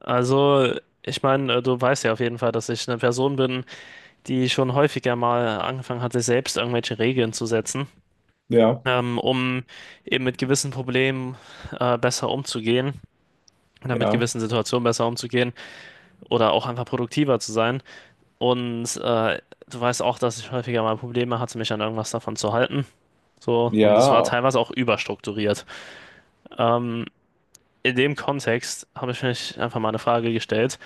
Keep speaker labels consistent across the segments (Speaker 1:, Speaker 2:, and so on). Speaker 1: Also, ich meine, du weißt ja auf jeden Fall, dass ich eine Person bin, die schon häufiger mal angefangen hat, sich selbst irgendwelche Regeln zu setzen,
Speaker 2: Ja,
Speaker 1: um eben mit gewissen Problemen besser umzugehen oder mit
Speaker 2: ja,
Speaker 1: gewissen Situationen besser umzugehen oder auch einfach produktiver zu sein. Und du weißt auch, dass ich häufiger mal Probleme hatte, mich an irgendwas davon zu halten. So, und das war
Speaker 2: ja.
Speaker 1: teilweise auch überstrukturiert. Ähm, in dem Kontext habe ich mich einfach mal eine Frage gestellt.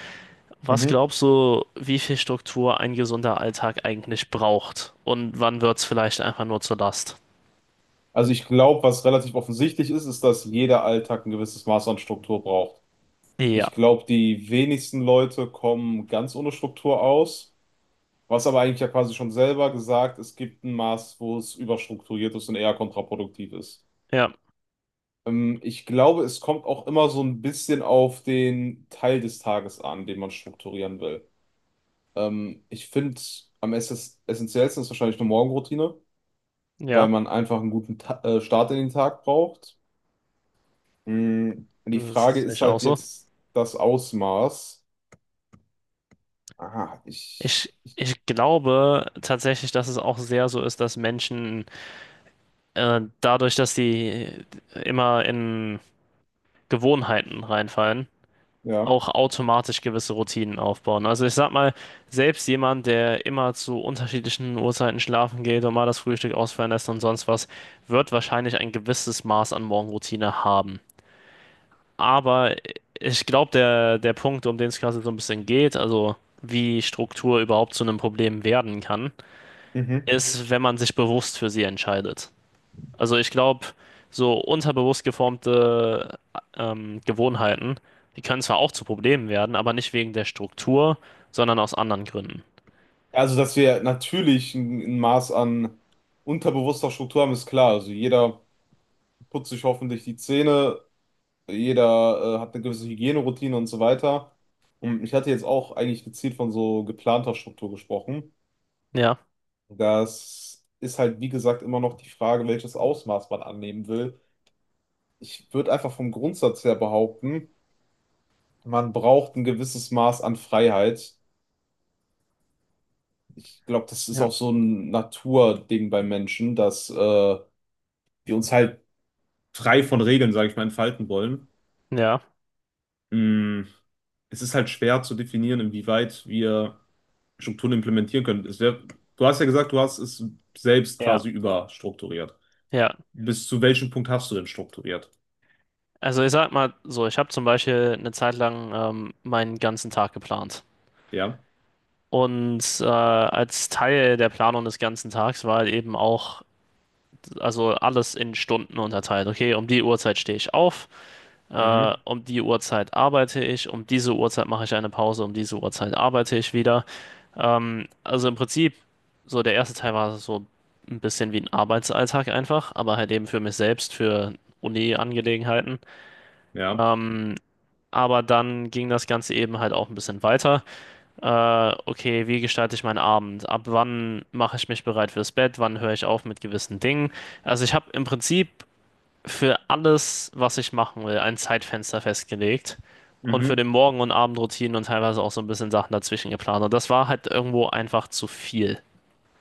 Speaker 1: Was
Speaker 2: Mhm.
Speaker 1: glaubst du, wie viel Struktur ein gesunder Alltag eigentlich braucht? Und wann wird es vielleicht einfach nur zur Last?
Speaker 2: Also ich glaube, was relativ offensichtlich ist, ist, dass jeder Alltag ein gewisses Maß an Struktur braucht.
Speaker 1: Ja,
Speaker 2: Ich glaube, die wenigsten Leute kommen ganz ohne Struktur aus, was aber eigentlich ja quasi schon selber gesagt, es gibt ein Maß, wo es überstrukturiert ist und eher kontraproduktiv ist.
Speaker 1: ja,
Speaker 2: Ich glaube, es kommt auch immer so ein bisschen auf den Teil des Tages an, den man strukturieren will. Ich finde, am essentiellsten ist wahrscheinlich eine Morgenroutine, weil
Speaker 1: ja,
Speaker 2: man einfach einen guten Ta Start in den Tag braucht. Mm. Die
Speaker 1: das
Speaker 2: Frage
Speaker 1: ist
Speaker 2: ist
Speaker 1: echt auch
Speaker 2: halt
Speaker 1: so.
Speaker 2: jetzt das Ausmaß. Aha. ich,
Speaker 1: Ich,
Speaker 2: ich
Speaker 1: ich glaube tatsächlich, dass es auch sehr so ist, dass Menschen dadurch, dass sie immer in Gewohnheiten reinfallen,
Speaker 2: ja.
Speaker 1: auch automatisch gewisse Routinen aufbauen. Also ich sag mal, selbst jemand, der immer zu unterschiedlichen Uhrzeiten schlafen geht und mal das Frühstück ausfallen lässt und sonst was, wird wahrscheinlich ein gewisses Maß an Morgenroutine haben. Aber ich glaube, der Punkt, um den es gerade so ein bisschen geht, also wie Struktur überhaupt zu einem Problem werden kann, Mhm,
Speaker 2: Mhm.
Speaker 1: ist, wenn man sich bewusst für sie entscheidet. Also ich glaube, so unterbewusst geformte Gewohnheiten, die können zwar auch zu Problemen werden, aber nicht wegen der Struktur, sondern aus anderen Gründen.
Speaker 2: Also, dass wir natürlich ein Maß an unterbewusster Struktur haben, ist klar. Also jeder putzt sich hoffentlich die Zähne, jeder hat eine gewisse Hygieneroutine und so weiter. Und ich hatte jetzt auch eigentlich gezielt von so geplanter Struktur gesprochen.
Speaker 1: Ja,
Speaker 2: Das ist halt, wie gesagt, immer noch die Frage, welches Ausmaß man annehmen will. Ich würde einfach vom Grundsatz her behaupten, man braucht ein gewisses Maß an Freiheit. Ich glaube, das ist
Speaker 1: ja,
Speaker 2: auch so ein Naturding bei Menschen, dass wir uns halt frei von Regeln, sage ich mal, entfalten wollen.
Speaker 1: ja,
Speaker 2: Mm, es ist halt schwer zu definieren, inwieweit wir Strukturen implementieren können. Es wär, du hast ja gesagt, du hast es selbst
Speaker 1: ja,
Speaker 2: quasi überstrukturiert.
Speaker 1: ja.
Speaker 2: Bis zu welchem Punkt hast du denn strukturiert?
Speaker 1: Also ich sag mal so, ich habe zum Beispiel eine Zeit lang meinen ganzen Tag geplant.
Speaker 2: Ja.
Speaker 1: Und als Teil der Planung des ganzen Tags war halt eben auch, also alles in Stunden unterteilt. Okay, um die Uhrzeit stehe ich auf,
Speaker 2: Mhm.
Speaker 1: um die Uhrzeit arbeite ich, um diese Uhrzeit mache ich eine Pause, um diese Uhrzeit arbeite ich wieder. Also im Prinzip, so der erste Teil war so ein bisschen wie ein Arbeitsalltag einfach, aber halt eben für mich selbst, für Uni-Angelegenheiten.
Speaker 2: Ja.
Speaker 1: Ähm, aber dann ging das Ganze eben halt auch ein bisschen weiter. Okay, wie gestalte ich meinen Abend? Ab wann mache ich mich bereit fürs Bett? Wann höre ich auf mit gewissen Dingen? Also ich habe im Prinzip für alles, was ich machen will, ein Zeitfenster festgelegt und für
Speaker 2: Mhm.
Speaker 1: den Morgen- und Abendroutinen und teilweise auch so ein bisschen Sachen dazwischen geplant. Und das war halt irgendwo einfach zu viel.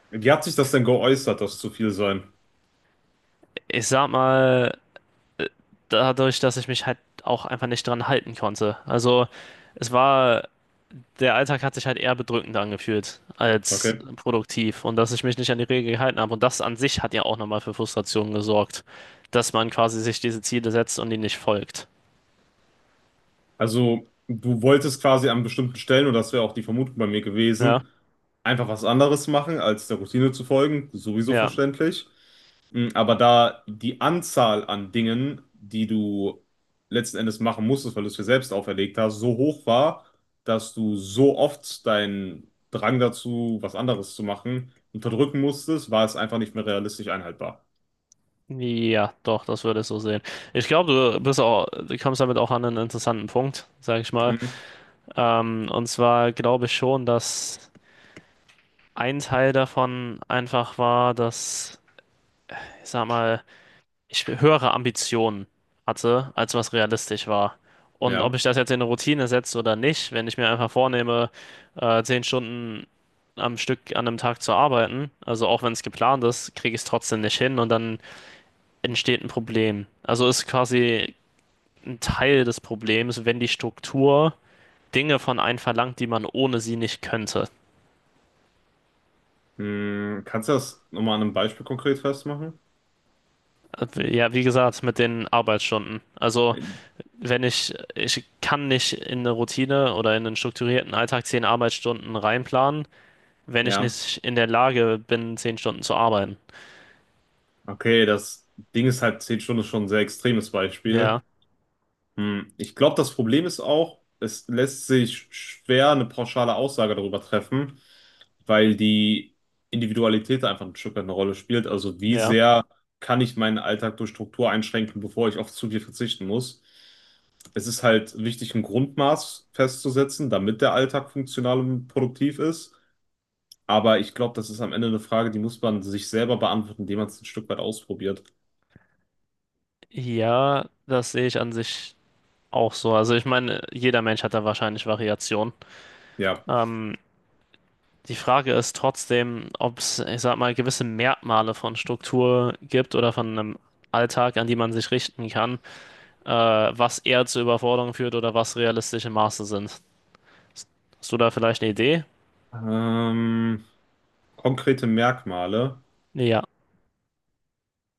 Speaker 2: Wie hat sich das denn geäußert, dass es zu viel sein?
Speaker 1: Ich sag mal, dadurch, dass ich mich halt auch einfach nicht dran halten konnte. Also es war, der Alltag hat sich halt eher bedrückend angefühlt als
Speaker 2: Okay.
Speaker 1: produktiv. Und dass ich mich nicht an die Regeln gehalten habe. Und das an sich hat ja auch nochmal für Frustration gesorgt, dass man quasi sich diese Ziele setzt und die nicht folgt.
Speaker 2: Also, du wolltest quasi an bestimmten Stellen, und das wäre auch die Vermutung bei mir
Speaker 1: Ja,
Speaker 2: gewesen, einfach was anderes machen, als der Routine zu folgen, sowieso
Speaker 1: ja.
Speaker 2: verständlich. Mm, aber da die Anzahl an Dingen, die du letzten Endes machen musstest, weil du es dir selbst auferlegt hast, so hoch war, dass du so oft deinen Drang dazu, was anderes zu machen, unterdrücken musstest, war es einfach nicht mehr realistisch einhaltbar.
Speaker 1: Ja, doch, das würde ich so sehen. Ich glaube, du bist auch, du kommst damit auch an einen interessanten Punkt, sag ich mal.
Speaker 2: Mhm.
Speaker 1: Und zwar glaube ich schon, dass ein Teil davon einfach war, dass, ich sag mal, ich höhere Ambitionen hatte, als was realistisch war. Und ob
Speaker 2: Ja.
Speaker 1: ich das jetzt in eine Routine setze oder nicht, wenn ich mir einfach vornehme, 10 Stunden am Stück an einem Tag zu arbeiten, also auch wenn es geplant ist, kriege ich es trotzdem nicht hin und dann entsteht ein Problem. Also ist quasi ein Teil des Problems, wenn die Struktur Dinge von einem verlangt, die man ohne sie nicht könnte.
Speaker 2: Mm, kannst du das nochmal an einem Beispiel konkret festmachen?
Speaker 1: Ja, wie gesagt, mit den Arbeitsstunden. Also,
Speaker 2: Äh,
Speaker 1: wenn ich, ich kann nicht in eine Routine oder in einen strukturierten Alltag 10 Arbeitsstunden reinplanen, wenn ich
Speaker 2: Ja.
Speaker 1: nicht in der Lage bin, 10 Stunden zu arbeiten.
Speaker 2: Okay, das Ding ist halt, 10 Stunden ist schon ein sehr extremes Beispiel.
Speaker 1: Ja,
Speaker 2: Hm, ich glaube, das Problem ist auch, es lässt sich schwer eine pauschale Aussage darüber treffen, weil die Individualität einfach ein Stück weit eine Rolle spielt. Also wie
Speaker 1: ja.
Speaker 2: sehr kann ich meinen Alltag durch Struktur einschränken, bevor ich auf zu viel verzichten muss? Es ist halt wichtig, ein Grundmaß festzusetzen, damit der Alltag funktional und produktiv ist. Aber ich glaube, das ist am Ende eine Frage, die muss man sich selber beantworten, indem man es ein Stück weit ausprobiert.
Speaker 1: Ja, das sehe ich an sich auch so. Also, ich meine, jeder Mensch hat da wahrscheinlich Variationen.
Speaker 2: Ja.
Speaker 1: Ähm, Die Frage ist trotzdem, ob es, ich sag mal, gewisse Merkmale von Struktur gibt oder von einem Alltag, an die man sich richten kann, was eher zu Überforderung führt oder was realistische Maße sind. Hast du da vielleicht eine Idee?
Speaker 2: Ähm, konkrete Merkmale.
Speaker 1: Ja,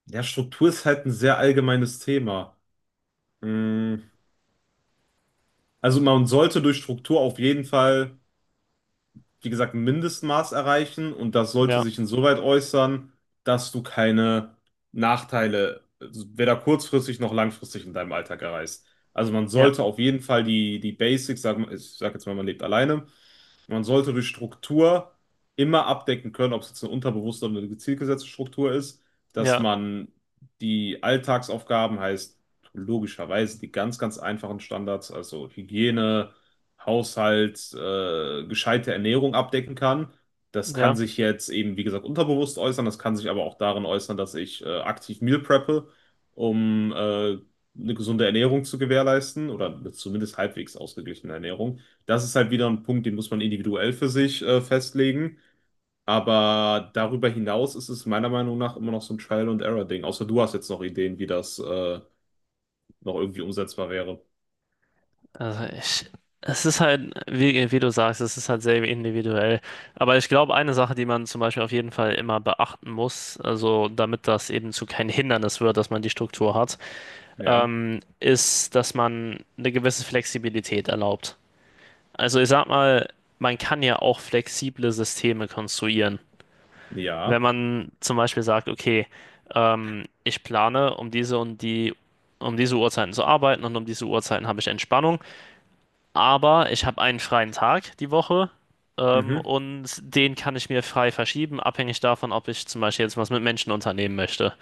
Speaker 2: Ja, Struktur ist halt ein sehr allgemeines Thema. Mm, also man sollte durch Struktur auf jeden Fall, wie gesagt, ein Mindestmaß erreichen und das sollte
Speaker 1: ja,
Speaker 2: sich insoweit äußern, dass du keine Nachteile, also weder kurzfristig noch langfristig in deinem Alltag erreichst. Also man
Speaker 1: ja,
Speaker 2: sollte auf jeden Fall die Basics, sag, ich sag jetzt mal, man lebt alleine. Man sollte durch Struktur immer abdecken können, ob es jetzt eine unterbewusste oder eine gezielt gesetzte Struktur ist, dass
Speaker 1: ja,
Speaker 2: man die Alltagsaufgaben, heißt logischerweise die ganz einfachen Standards, also Hygiene, Haushalt, gescheite Ernährung abdecken kann. Das kann
Speaker 1: ja.
Speaker 2: sich jetzt eben, wie gesagt, unterbewusst äußern. Das kann sich aber auch darin äußern, dass ich aktiv Meal preppe, um eine gesunde Ernährung zu gewährleisten oder zumindest halbwegs ausgeglichene Ernährung. Das ist halt wieder ein Punkt, den muss man individuell für sich festlegen. Aber darüber hinaus ist es meiner Meinung nach immer noch so ein Trial-and-Error-Ding. Außer du hast jetzt noch Ideen, wie das noch irgendwie umsetzbar wäre.
Speaker 1: Also ich, es ist halt, wie, wie du sagst, es ist halt sehr individuell. Aber ich glaube, eine Sache, die man zum Beispiel auf jeden Fall immer beachten muss, also damit das eben zu kein Hindernis wird, dass man die Struktur hat,
Speaker 2: Ja,
Speaker 1: ist, dass man eine gewisse Flexibilität erlaubt. Also ich sag mal, man kann ja auch flexible Systeme konstruieren. Wenn
Speaker 2: ja,
Speaker 1: man zum Beispiel sagt, okay, ich plane, um diese und die, um diese Uhrzeiten zu arbeiten und um diese Uhrzeiten habe ich Entspannung, aber ich habe einen freien Tag die Woche.
Speaker 2: mhm,
Speaker 1: Und den kann ich mir frei verschieben, abhängig davon, ob ich zum Beispiel jetzt was mit Menschen unternehmen möchte.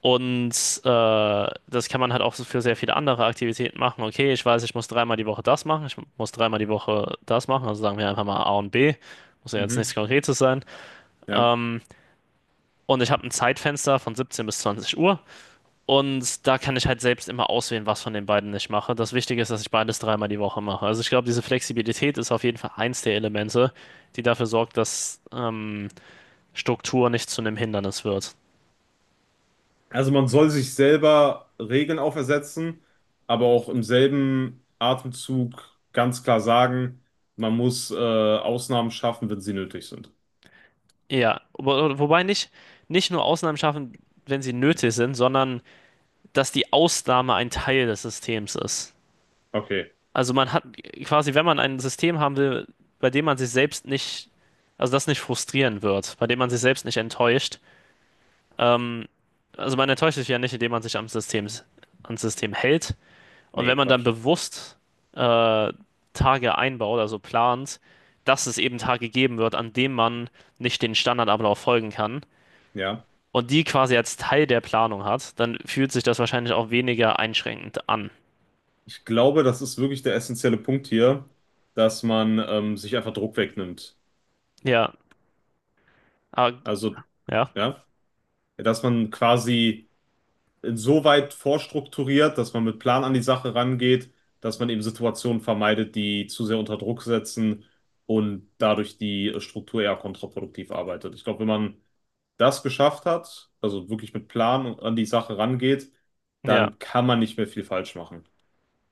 Speaker 1: Und das kann man halt auch so für sehr viele andere Aktivitäten machen. Okay, ich weiß, ich muss dreimal die Woche das machen, ich muss dreimal die Woche das machen, also sagen wir einfach mal A und B. Muss ja jetzt nichts
Speaker 2: mhm,
Speaker 1: Konkretes sein.
Speaker 2: ja.
Speaker 1: Ähm, und ich habe ein Zeitfenster von 17 bis 20 Uhr. Und da kann ich halt selbst immer auswählen, was von den beiden ich mache. Das Wichtige ist, dass ich beides dreimal die Woche mache. Also ich glaube, diese Flexibilität ist auf jeden Fall eins der Elemente, die dafür sorgt, dass Struktur nicht zu einem Hindernis wird.
Speaker 2: Also man soll sich selber Regeln aufersetzen, aber auch im selben Atemzug ganz klar sagen, man muss Ausnahmen schaffen, wenn sie nötig sind.
Speaker 1: Ja, wobei nicht, nicht nur Ausnahmen schaffen, wenn sie nötig sind, sondern dass die Ausnahme ein Teil des Systems ist.
Speaker 2: Okay,
Speaker 1: Also man hat quasi, wenn man ein System haben will, bei dem man sich selbst nicht, also das nicht frustrieren wird, bei dem man sich selbst nicht enttäuscht, ähm, also man enttäuscht sich ja nicht, indem man sich am System, ans System hält. Und
Speaker 2: nee,
Speaker 1: wenn man dann
Speaker 2: Quatsch.
Speaker 1: bewusst äh, Tage einbaut, also plant, dass es eben Tage geben wird, an denen man nicht den Standardablauf folgen kann,
Speaker 2: Ja.
Speaker 1: und die quasi als Teil der Planung hat, dann fühlt sich das wahrscheinlich auch weniger einschränkend an.
Speaker 2: Ich glaube, das ist wirklich der essentielle Punkt hier, dass man sich einfach Druck wegnimmt.
Speaker 1: Ja, ah,
Speaker 2: Also,
Speaker 1: ja,
Speaker 2: ja, dass man quasi insoweit vorstrukturiert, dass man mit Plan an die Sache rangeht, dass man eben Situationen vermeidet, die zu sehr unter Druck setzen und dadurch die Struktur eher kontraproduktiv arbeitet. Ich glaube, wenn man das geschafft hat, also wirklich mit Plan an die Sache rangeht,
Speaker 1: ja,
Speaker 2: dann kann man nicht mehr viel falsch machen.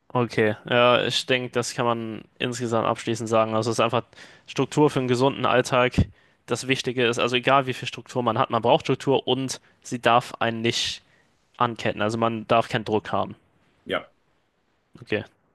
Speaker 1: okay. Ja, ich denke, das kann man insgesamt abschließend sagen. Also es ist einfach Struktur für einen gesunden Alltag. Das Wichtige ist, also egal wie viel Struktur man hat, man braucht Struktur und sie darf einen nicht anketten. Also man darf keinen Druck haben.
Speaker 2: Ja.
Speaker 1: Okay.